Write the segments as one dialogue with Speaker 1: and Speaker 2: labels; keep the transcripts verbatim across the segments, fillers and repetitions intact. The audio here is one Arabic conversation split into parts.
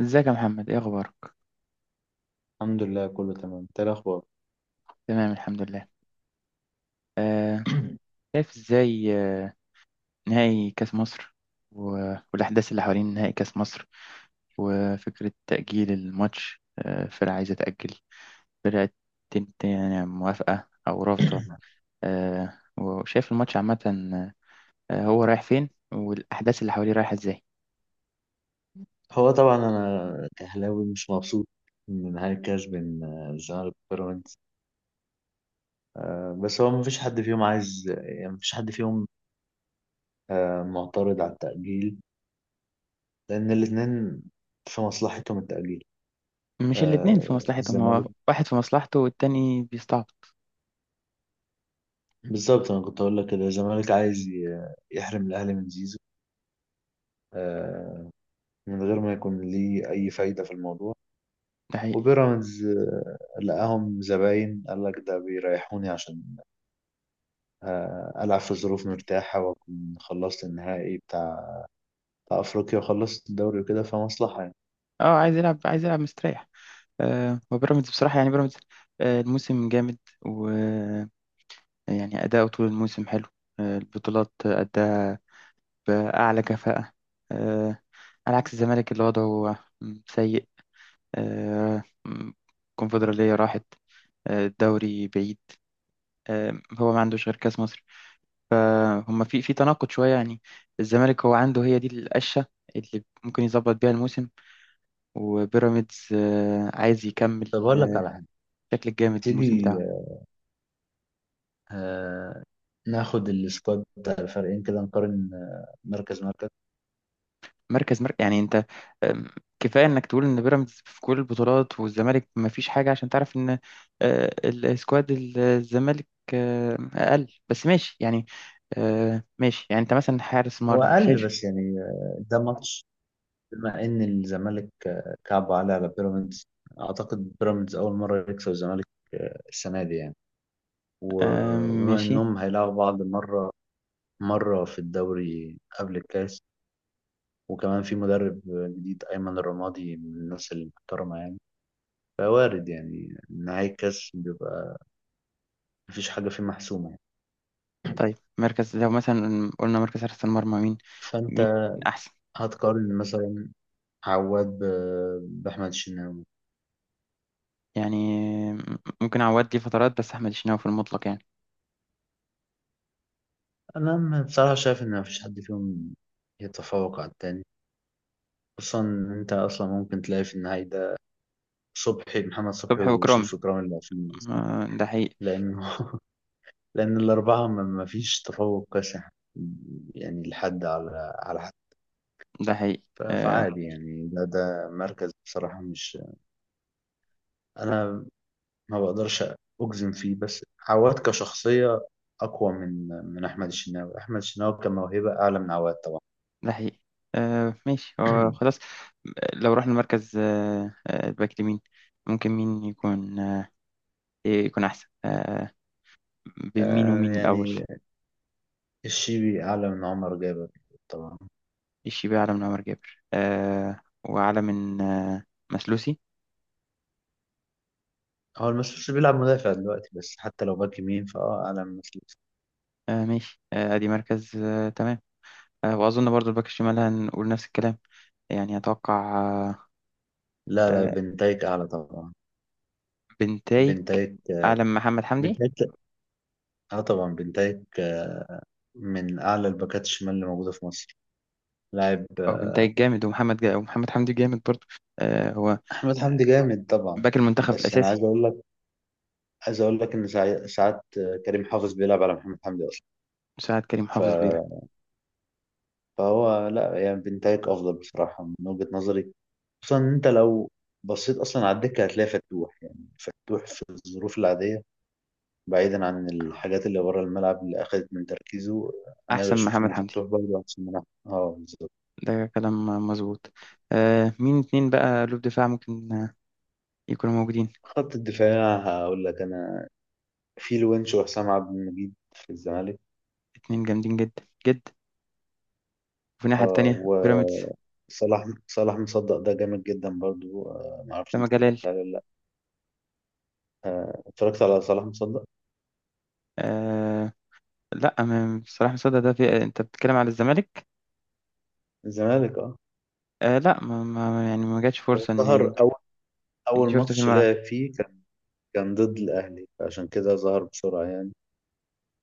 Speaker 1: ازيك يا محمد؟ ايه اخبارك؟
Speaker 2: الحمد لله كله تمام. إنت إيه الاخبار؟
Speaker 1: تمام الحمد لله. آه، شايف ازاي؟ آه، نهائي كاس مصر و- والاحداث اللي حوالين نهائي كاس مصر وفكره تاجيل الماتش. آه، فرقه عايزه تاجل فرقه، تنت يعني موافقه او رافضه؟ آه، وشايف الماتش عامه، آه، هو رايح فين والاحداث اللي حواليه رايحه ازاي؟
Speaker 2: هو طبعا انا كهلاوي مش مبسوط من نهاية كاس بين آه، الزمالك وبيراميدز. آه، بس هو مفيش حد فيهم عايز، يعني مفيش حد فيهم آه، معترض على التأجيل، لأن الاتنين في مصلحتهم التأجيل.
Speaker 1: مش الاتنين في
Speaker 2: آه،
Speaker 1: مصلحتهم،
Speaker 2: الزمالك
Speaker 1: هو واحد في مصلحته والتاني بيستعبط.
Speaker 2: بالظبط. أنا كنت هقول لك كده الزمالك عايز ي- يحرم الأهلي من زيزو، آه، من غير ما يكون ليه أي فايدة في الموضوع.
Speaker 1: ده حقيقي.
Speaker 2: وبيراميدز آه، لقاهم زباين، قال لك ده بيريحوني عشان آه، ألعب في ظروف مرتاحة وأكون خلصت النهائي بتاع بتاع أفريقيا وخلصت الدوري وكده، فمصلحة يعني.
Speaker 1: اه عايز يلعب، عايز يلعب مستريح. آه، وبيراميدز بصراحة، يعني بيراميدز آه، الموسم جامد ويعني أداؤه طول الموسم حلو. آه، البطولات أداها بأعلى كفاءة. آه، على عكس الزمالك اللي وضعه سيء. آه، الكونفدرالية راحت، آه، الدوري بعيد، آه، هو ما عندوش غير كأس مصر. فهم في في تناقض شوية يعني. الزمالك هو عنده هي دي القشة اللي ممكن يظبط بيها الموسم، وبيراميدز آه، عايز يكمل
Speaker 2: طب أقول لك
Speaker 1: آه،
Speaker 2: على حاجة،
Speaker 1: الشكل الجامد الموسم
Speaker 2: تيجي
Speaker 1: بتاعه.
Speaker 2: آه، ناخد السكواد بتاع الفريقين كده نقارن، آه، مركز مركز.
Speaker 1: مركز مركز، يعني انت أم، كفايه انك تقول ان بيراميدز في كل البطولات والزمالك ما فيش حاجه، عشان تعرف ان آه، السكواد ال- الزمالك آه، اقل، بس ماشي يعني. آه، ماشي يعني، انت مثلا حارس
Speaker 2: هو
Speaker 1: مرمى
Speaker 2: أقل
Speaker 1: شايف؟
Speaker 2: بس يعني، آه، ده ماتش بما إن الزمالك آه، كعب عليه على بيراميدز. أعتقد بيراميدز أول مرة يكسب الزمالك آه، السنة دي يعني.
Speaker 1: آه،
Speaker 2: و- وبما
Speaker 1: ماشي.
Speaker 2: إنهم هيلعبوا بعض مرة مرة في الدوري قبل الكاس، وكمان في مدرب جديد أيمن الرمادي من الناس المحترمة يعني، فوارد يعني نهاية الكاس بيبقى مفيش حاجة فيه محسومة يعني.
Speaker 1: طيب مركز، لو مثلا قلنا مركز حارس المرمى، مين مين
Speaker 2: فأنت
Speaker 1: احسن؟
Speaker 2: هتقارن مثلا عواد ب- بأحمد الشناوي.
Speaker 1: يعني ممكن عواد ليه فترات، بس احمد الشناوي في المطلق يعني.
Speaker 2: أنا م- بصراحة شايف إن مفيش حد فيهم يتفوق على التاني، خصوصا إن أنت أصلا ممكن تلاقي في النهاية ده صبحي محمد صبحي
Speaker 1: صبحي وإكرامي،
Speaker 2: وشريف إكرامي اللي واقفين أصلا،
Speaker 1: آه، ده حقيقي.
Speaker 2: لأنه لأن الأربعة ما ما فيش تفوق كاسح يعني، يعني لحد على على
Speaker 1: ده حقيقي.
Speaker 2: ف-
Speaker 1: آه،
Speaker 2: فعادي يعني. ده ده مركز بصراحة مش، أنا ما بقدرش أجزم فيه، بس عواد كشخصية أقوى من من أحمد الشناوي، أحمد الشناوي كموهبة أعلى من عواد طبعا.
Speaker 1: ده حقيقي. آه ماشي. هو خلاص لو رحنا المركز، آه آه الباك اليمين، ممكن مين يكون آه إيه؟ يكون أحسن آه بين مين
Speaker 2: آه
Speaker 1: ومين الأول؟
Speaker 2: يعني الشيبي أعلى من عمر جابر طبعا.
Speaker 1: الشيبي أعلى من عمر جابر، آه وأعلى من آه مسلوسي.
Speaker 2: هو المسؤول بيلعب مدافع دلوقتي، بس حتى لو باك يمين فأه أعلى من مسؤول.
Speaker 1: آه ماشي، آه أدي مركز، آه تمام. آه وأظن برضو الباك الشمال هنقول نفس الكلام. يعني أتوقع آه
Speaker 2: لا لا
Speaker 1: آه
Speaker 2: بنتايك أعلى طبعا.
Speaker 1: بنتايج
Speaker 2: بنتايك.
Speaker 1: أعلى من محمد حمدي.
Speaker 2: بنتايك، اه طبعا بنتايك من أعلى الباكات الشمال اللي موجودة في مصر لاعب.
Speaker 1: أو بنتايج جامد، ومحمد جا، ومحمد حمدي جامد برضو. آه هو
Speaker 2: احمد حمدي جامد طبعا،
Speaker 1: باك المنتخب
Speaker 2: بس انا عايز
Speaker 1: الأساسي.
Speaker 2: اقول لك، عايز اقول لك ان ساع- ساعات كريم حافظ بيلعب على محمد حمدي اصلا.
Speaker 1: مساعد كريم
Speaker 2: ف...
Speaker 1: حافظ بيلعب.
Speaker 2: فهو لا يعني، بنتايك افضل بصراحه من وجهه نظري، خصوصا ان انت لو بصيت اصلا على الدكه هتلاقي فتوح، يعني فتوح في الظروف العاديه، بعيدا عن الحاجات اللي بره الملعب اللي اخذت من تركيزه، انا
Speaker 1: أحسن من
Speaker 2: بشوف
Speaker 1: محمد
Speaker 2: ان
Speaker 1: حمدي؟
Speaker 2: فتوح برضه احسن من أحمد. اه بالظبط.
Speaker 1: ده كلام مظبوط. آه مين اتنين بقى قلوب دفاع، ممكن آه، يكونوا موجودين؟
Speaker 2: خط الدفاع هقول لك انا في الونش وحسام عبد المجيد في الزمالك.
Speaker 1: اتنين جامدين جدا جدا. وفي الناحية
Speaker 2: اه
Speaker 1: التانية بيراميدز،
Speaker 2: وصلاح، صلاح مصدق ده جامد جدا برضو. آه ما اعرفش
Speaker 1: سما
Speaker 2: انت اتفرجت
Speaker 1: جلال.
Speaker 2: عليه ولا لا. آه اتفرجت على صلاح مصدق
Speaker 1: آه لا، ما- بصراحة مصدق ده، في، انت بتتكلم على الزمالك.
Speaker 2: الزمالك اه.
Speaker 1: آه لا، ما ما يعني ما جاتش
Speaker 2: هو
Speaker 1: فرصة
Speaker 2: ظهر
Speaker 1: ان
Speaker 2: اول
Speaker 1: ان
Speaker 2: اول
Speaker 1: شفته في
Speaker 2: ماتش
Speaker 1: الملعب.
Speaker 2: لعب فيه، كان كان ضد الاهلي عشان كده ظهر بسرعه يعني،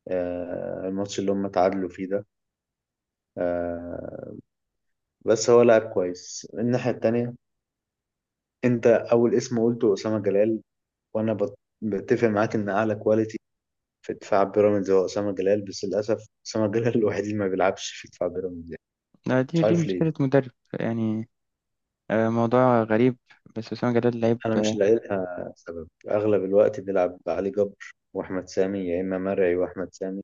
Speaker 2: آه الماتش اللي هم تعادلوا فيه ده. آه بس هو لاعب كويس. الناحيه التانيه، انت اول اسم قلته اسامه جلال، وانا بت- بتفق معاك ان اعلى كواليتي في دفاع بيراميدز هو اسامه جلال، بس للاسف اسامه جلال الوحيد اللي ما بيلعبش في دفاع بيراميدز،
Speaker 1: آه دي
Speaker 2: مش
Speaker 1: دي
Speaker 2: عارف ليه.
Speaker 1: مشكلة مدرب يعني. آه موضوع غريب، بس أسامة جلال لعيب
Speaker 2: انا مش
Speaker 1: آه،
Speaker 2: لاقي لها سبب. اغلب الوقت بنلعب علي جبر واحمد سامي، يا اما مرعي واحمد سامي،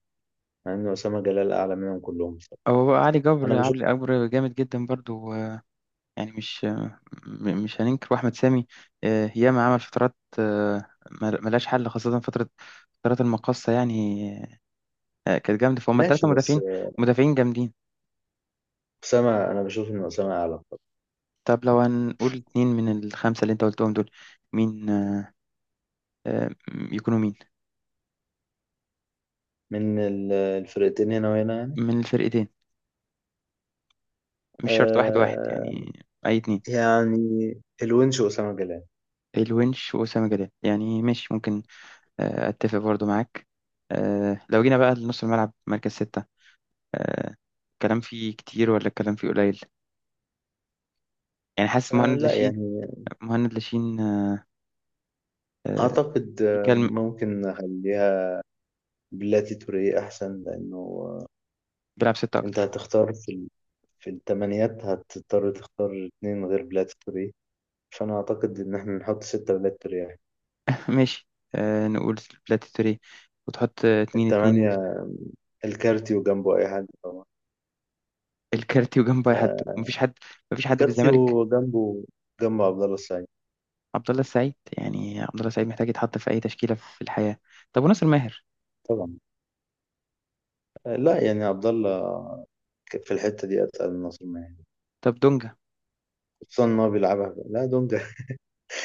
Speaker 2: مع ان اسامه جلال اعلى منهم كلهم بصراحه.
Speaker 1: هو. بقى علي
Speaker 2: انا
Speaker 1: جبر،
Speaker 2: بشوف،
Speaker 1: علي جبر جامد جدا برضو. يعني مش، م- مش هننكر واحمد سامي آه، ياما عمل فترات، آه، مل- ملهاش حل، خاصة فترة، فترات المقاصة يعني، آه، كانت جامدة. فهم التلاتة
Speaker 2: ماشي بس
Speaker 1: مدافعين، مدافعين جامدين.
Speaker 2: اسامه، انا بشوف ان اسامه اعلى طبعا.
Speaker 1: طب لو هنقول اتنين من الخمسة اللي انت قلتهم دول، مين آه، م- يكونوا مين؟
Speaker 2: من ال- الفرقتين هنا وهنا يعني،
Speaker 1: من الفرقتين، مش شرط واحد واحد
Speaker 2: آه
Speaker 1: يعني. أي اتنين.
Speaker 2: يعني الونش واسامه جلال.
Speaker 1: الونش وأسامة جلال، يعني ماشي ممكن، آه، أتفق برضو معاك. آه، لو جينا بقى لنص الملعب، مركز ستة، آه، الكلام فيه كتير ولا الكلام فيه قليل؟ يعني حاسس
Speaker 2: آه
Speaker 1: مهند
Speaker 2: لا
Speaker 1: لاشين.
Speaker 2: يعني
Speaker 1: مهند لاشين آه،
Speaker 2: اعتقد
Speaker 1: في
Speaker 2: آه،
Speaker 1: كلم.
Speaker 2: ممكن اخليها بلاتي توريه احسن، لانه آه،
Speaker 1: بيلعب ستة
Speaker 2: انت
Speaker 1: أكتر.
Speaker 2: هتختار في ال- في الثمانيات، هتضطر تختار اتنين غير بلاتي توريه، فأنا أعتقد إن إحنا نحط ستة ولاد ترياح.
Speaker 1: ماشي، آه، نقول بلاتي توريه، وتحط آه، اتنين اتنين.
Speaker 2: التمانية، الكارتيو جنبه أي حد طبعا.
Speaker 1: الكارتي وجنبه أي حد؟
Speaker 2: آه
Speaker 1: مفيش حد، مفيش حد في الزمالك.
Speaker 2: الكارتيو جنبه، جنبه عبد الله السعيد
Speaker 1: عبد الله السعيد؟ يعني عبد الله السعيد محتاج يتحط في أي تشكيلة في الحياة. طب وناصر ماهر؟
Speaker 2: طبعا. آه لا يعني عبد الله ك- في الحتة دي أتقل من ناصر ماهر،
Speaker 1: طب دونجا؟
Speaker 2: خصوصا إن هو بيلعبها. لا دونجا،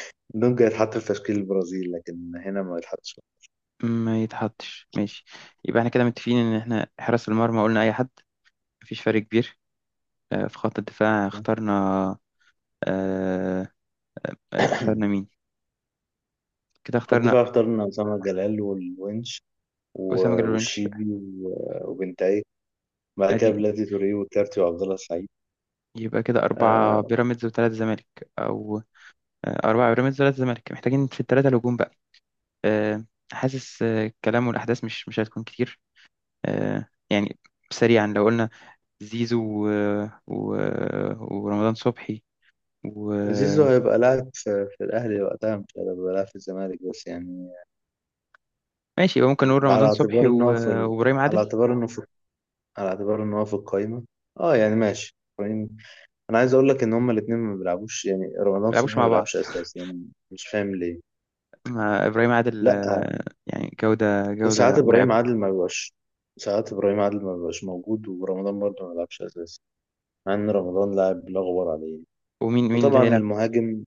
Speaker 2: دونجا يتحط في تشكيل البرازيل لكن هنا ما يتحطش.
Speaker 1: ما يتحطش، ماشي. يبقى احنا كده متفقين، إن احنا حراس المرمى قلنا أي حد، مفيش فرق كبير. آه، في خط الدفاع اخترنا آه، آه، اخترنا مين، كده
Speaker 2: خط
Speaker 1: اخترنا
Speaker 2: دفاع اخترنا أسامة جلال والونش
Speaker 1: أسامة
Speaker 2: و-
Speaker 1: جلال.
Speaker 2: والشيبي و- وبنتايج. بعد كده
Speaker 1: ادي،
Speaker 2: بلاتي توريه والكارتي وعبد الله السعيد.
Speaker 1: يبقى كده أربعة
Speaker 2: آه،
Speaker 1: بيراميدز وثلاثة زمالك. أو آه، أربعة بيراميدز وثلاثة زمالك، محتاجين في الثلاثة الهجوم بقى. آه، حاسس آه، الكلام والأحداث مش مش هتكون كتير آه، يعني. سريعا لو قلنا زيزو و... و... ورمضان صبحي،
Speaker 2: زيزو
Speaker 1: وماشي.
Speaker 2: هيبقى لاعب في, في الأهلي وقتها، مش هيبقى لاعب في الزمالك بس يعني،
Speaker 1: يبقى ممكن نقول
Speaker 2: على
Speaker 1: رمضان صبحي
Speaker 2: اعتبار
Speaker 1: و...
Speaker 2: إن هو في ال...
Speaker 1: وإبراهيم عادل.
Speaker 2: على
Speaker 1: ما
Speaker 2: اعتبار إنه في، على اعتبار إن هو في القايمة. أه يعني ماشي. إبراهيم- أنا عايز أقول لك إن هما الاتنين ما بيلعبوش، يعني رمضان
Speaker 1: بيلعبوش
Speaker 2: صبحي ما
Speaker 1: مع بعض؟
Speaker 2: بيلعبش أساسي، أنا مش فاهم ليه.
Speaker 1: ما إبراهيم عادل
Speaker 2: لأ،
Speaker 1: آه، يعني جودة، جودة
Speaker 2: وساعات إبراهيم
Speaker 1: مرعبة.
Speaker 2: عادل ما بيبقاش، ساعات إبراهيم عادل ما بيبقاش موجود، ورمضان برضه ما بيلعبش أساسي، مع إن رمضان لاعب لا غبار عليه.
Speaker 1: ومين مين اللي
Speaker 2: وطبعا
Speaker 1: هيلعب؟
Speaker 2: المهاجم،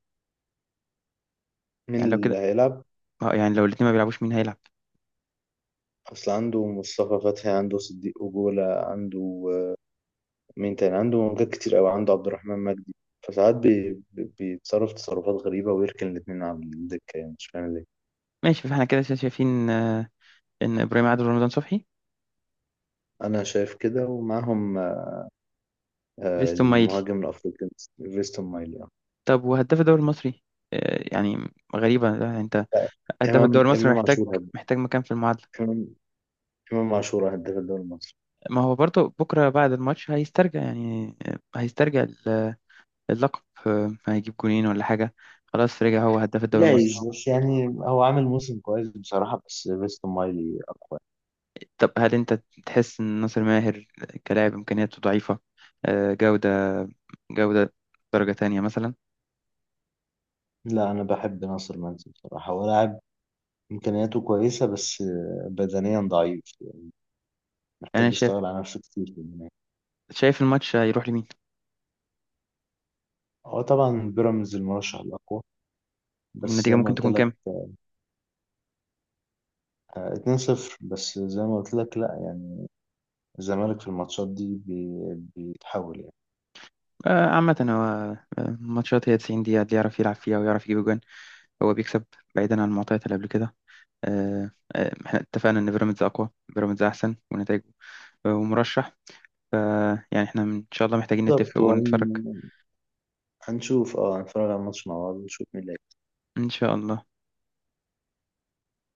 Speaker 2: مين
Speaker 1: يعني لو
Speaker 2: اللي
Speaker 1: كده
Speaker 2: هيلعب؟
Speaker 1: آه، يعني لو الاتنين ما بيلعبوش، مين هيلعب؟
Speaker 2: أصل عنده مصطفى فتحي، عنده صديق أجولة، عنده مين تاني، عنده موجات كتير قوي، عنده عبد الرحمن مجدي، فساعات بي... بي- بيتصرف تصرفات غريبة ويركن الاتنين على الدكة، يعني مش فاهم ليه.
Speaker 1: ماشي، فاحنا كده شايفين آه، ان ابراهيم عادل ورمضان صبحي.
Speaker 2: أنا شايف كده، ومعاهم آه،
Speaker 1: فيستون مايلي.
Speaker 2: المهاجم الأفريقي فيستون مايلي آه.
Speaker 1: طب وهداف الدوري المصري؟ آه، يعني غريبة، يعني انت
Speaker 2: لا،
Speaker 1: هداف
Speaker 2: إمام
Speaker 1: الدوري المصري
Speaker 2: إمام
Speaker 1: محتاج
Speaker 2: عاشور هداف،
Speaker 1: محتاج مكان في المعادلة.
Speaker 2: إمام إمام عاشور هداف الدوري المصري
Speaker 1: ما هو برضه بكرة بعد الماتش هيسترجع، يعني آه، هيسترجع ال- اللقب، آه، هيجيب جونين ولا حاجة. خلاص رجع هو هداف الدوري المصري.
Speaker 2: جايز، بس يعني هو عامل موسم كويس بصراحة، بس فيستون مايلي أقوى.
Speaker 1: طب هل انت تحس ان ناصر ماهر كلاعب امكانياته ضعيفة، آه، جودة، جودة درجة تانية مثلا؟
Speaker 2: لا أنا بحب ناصر منسي بصراحة، هو لاعب إمكانياته كويسة، بس آه، بدنيا ضعيف،
Speaker 1: انا
Speaker 2: محتاج
Speaker 1: شايف
Speaker 2: يشتغل على نفسه كتير في المنافسة.
Speaker 1: شايف الماتش هيروح لمين
Speaker 2: هو طبعا بيراميدز المرشح الأقوى، بس
Speaker 1: والنتيجة
Speaker 2: زي ما
Speaker 1: ممكن
Speaker 2: قلت
Speaker 1: تكون
Speaker 2: لك
Speaker 1: كام.
Speaker 2: آه، اتنين صفر. بس زي ما قلت لك لا يعني، الزمالك في الماتشات دي بي- بيتحول يعني.
Speaker 1: آه، عامة هو آه، الماتشات هي 90 دقيقة، اللي يعرف يلعب فيها ويعرف يجيب جوان هو بيكسب، بعيدا عن المعطيات اللي قبل كده. آه، آه، احنا اتفقنا ان بيراميدز اقوى، بيراميدز احسن ونتائجه، آه، ومرشح. ف يعني احنا ان شاء الله محتاجين
Speaker 2: بالظبط،
Speaker 1: نتفق ونتفرج.
Speaker 2: وهن- هنشوف، اه هنتفرج على الماتش مع بعض ونشوف مين اللي
Speaker 1: ان شاء الله.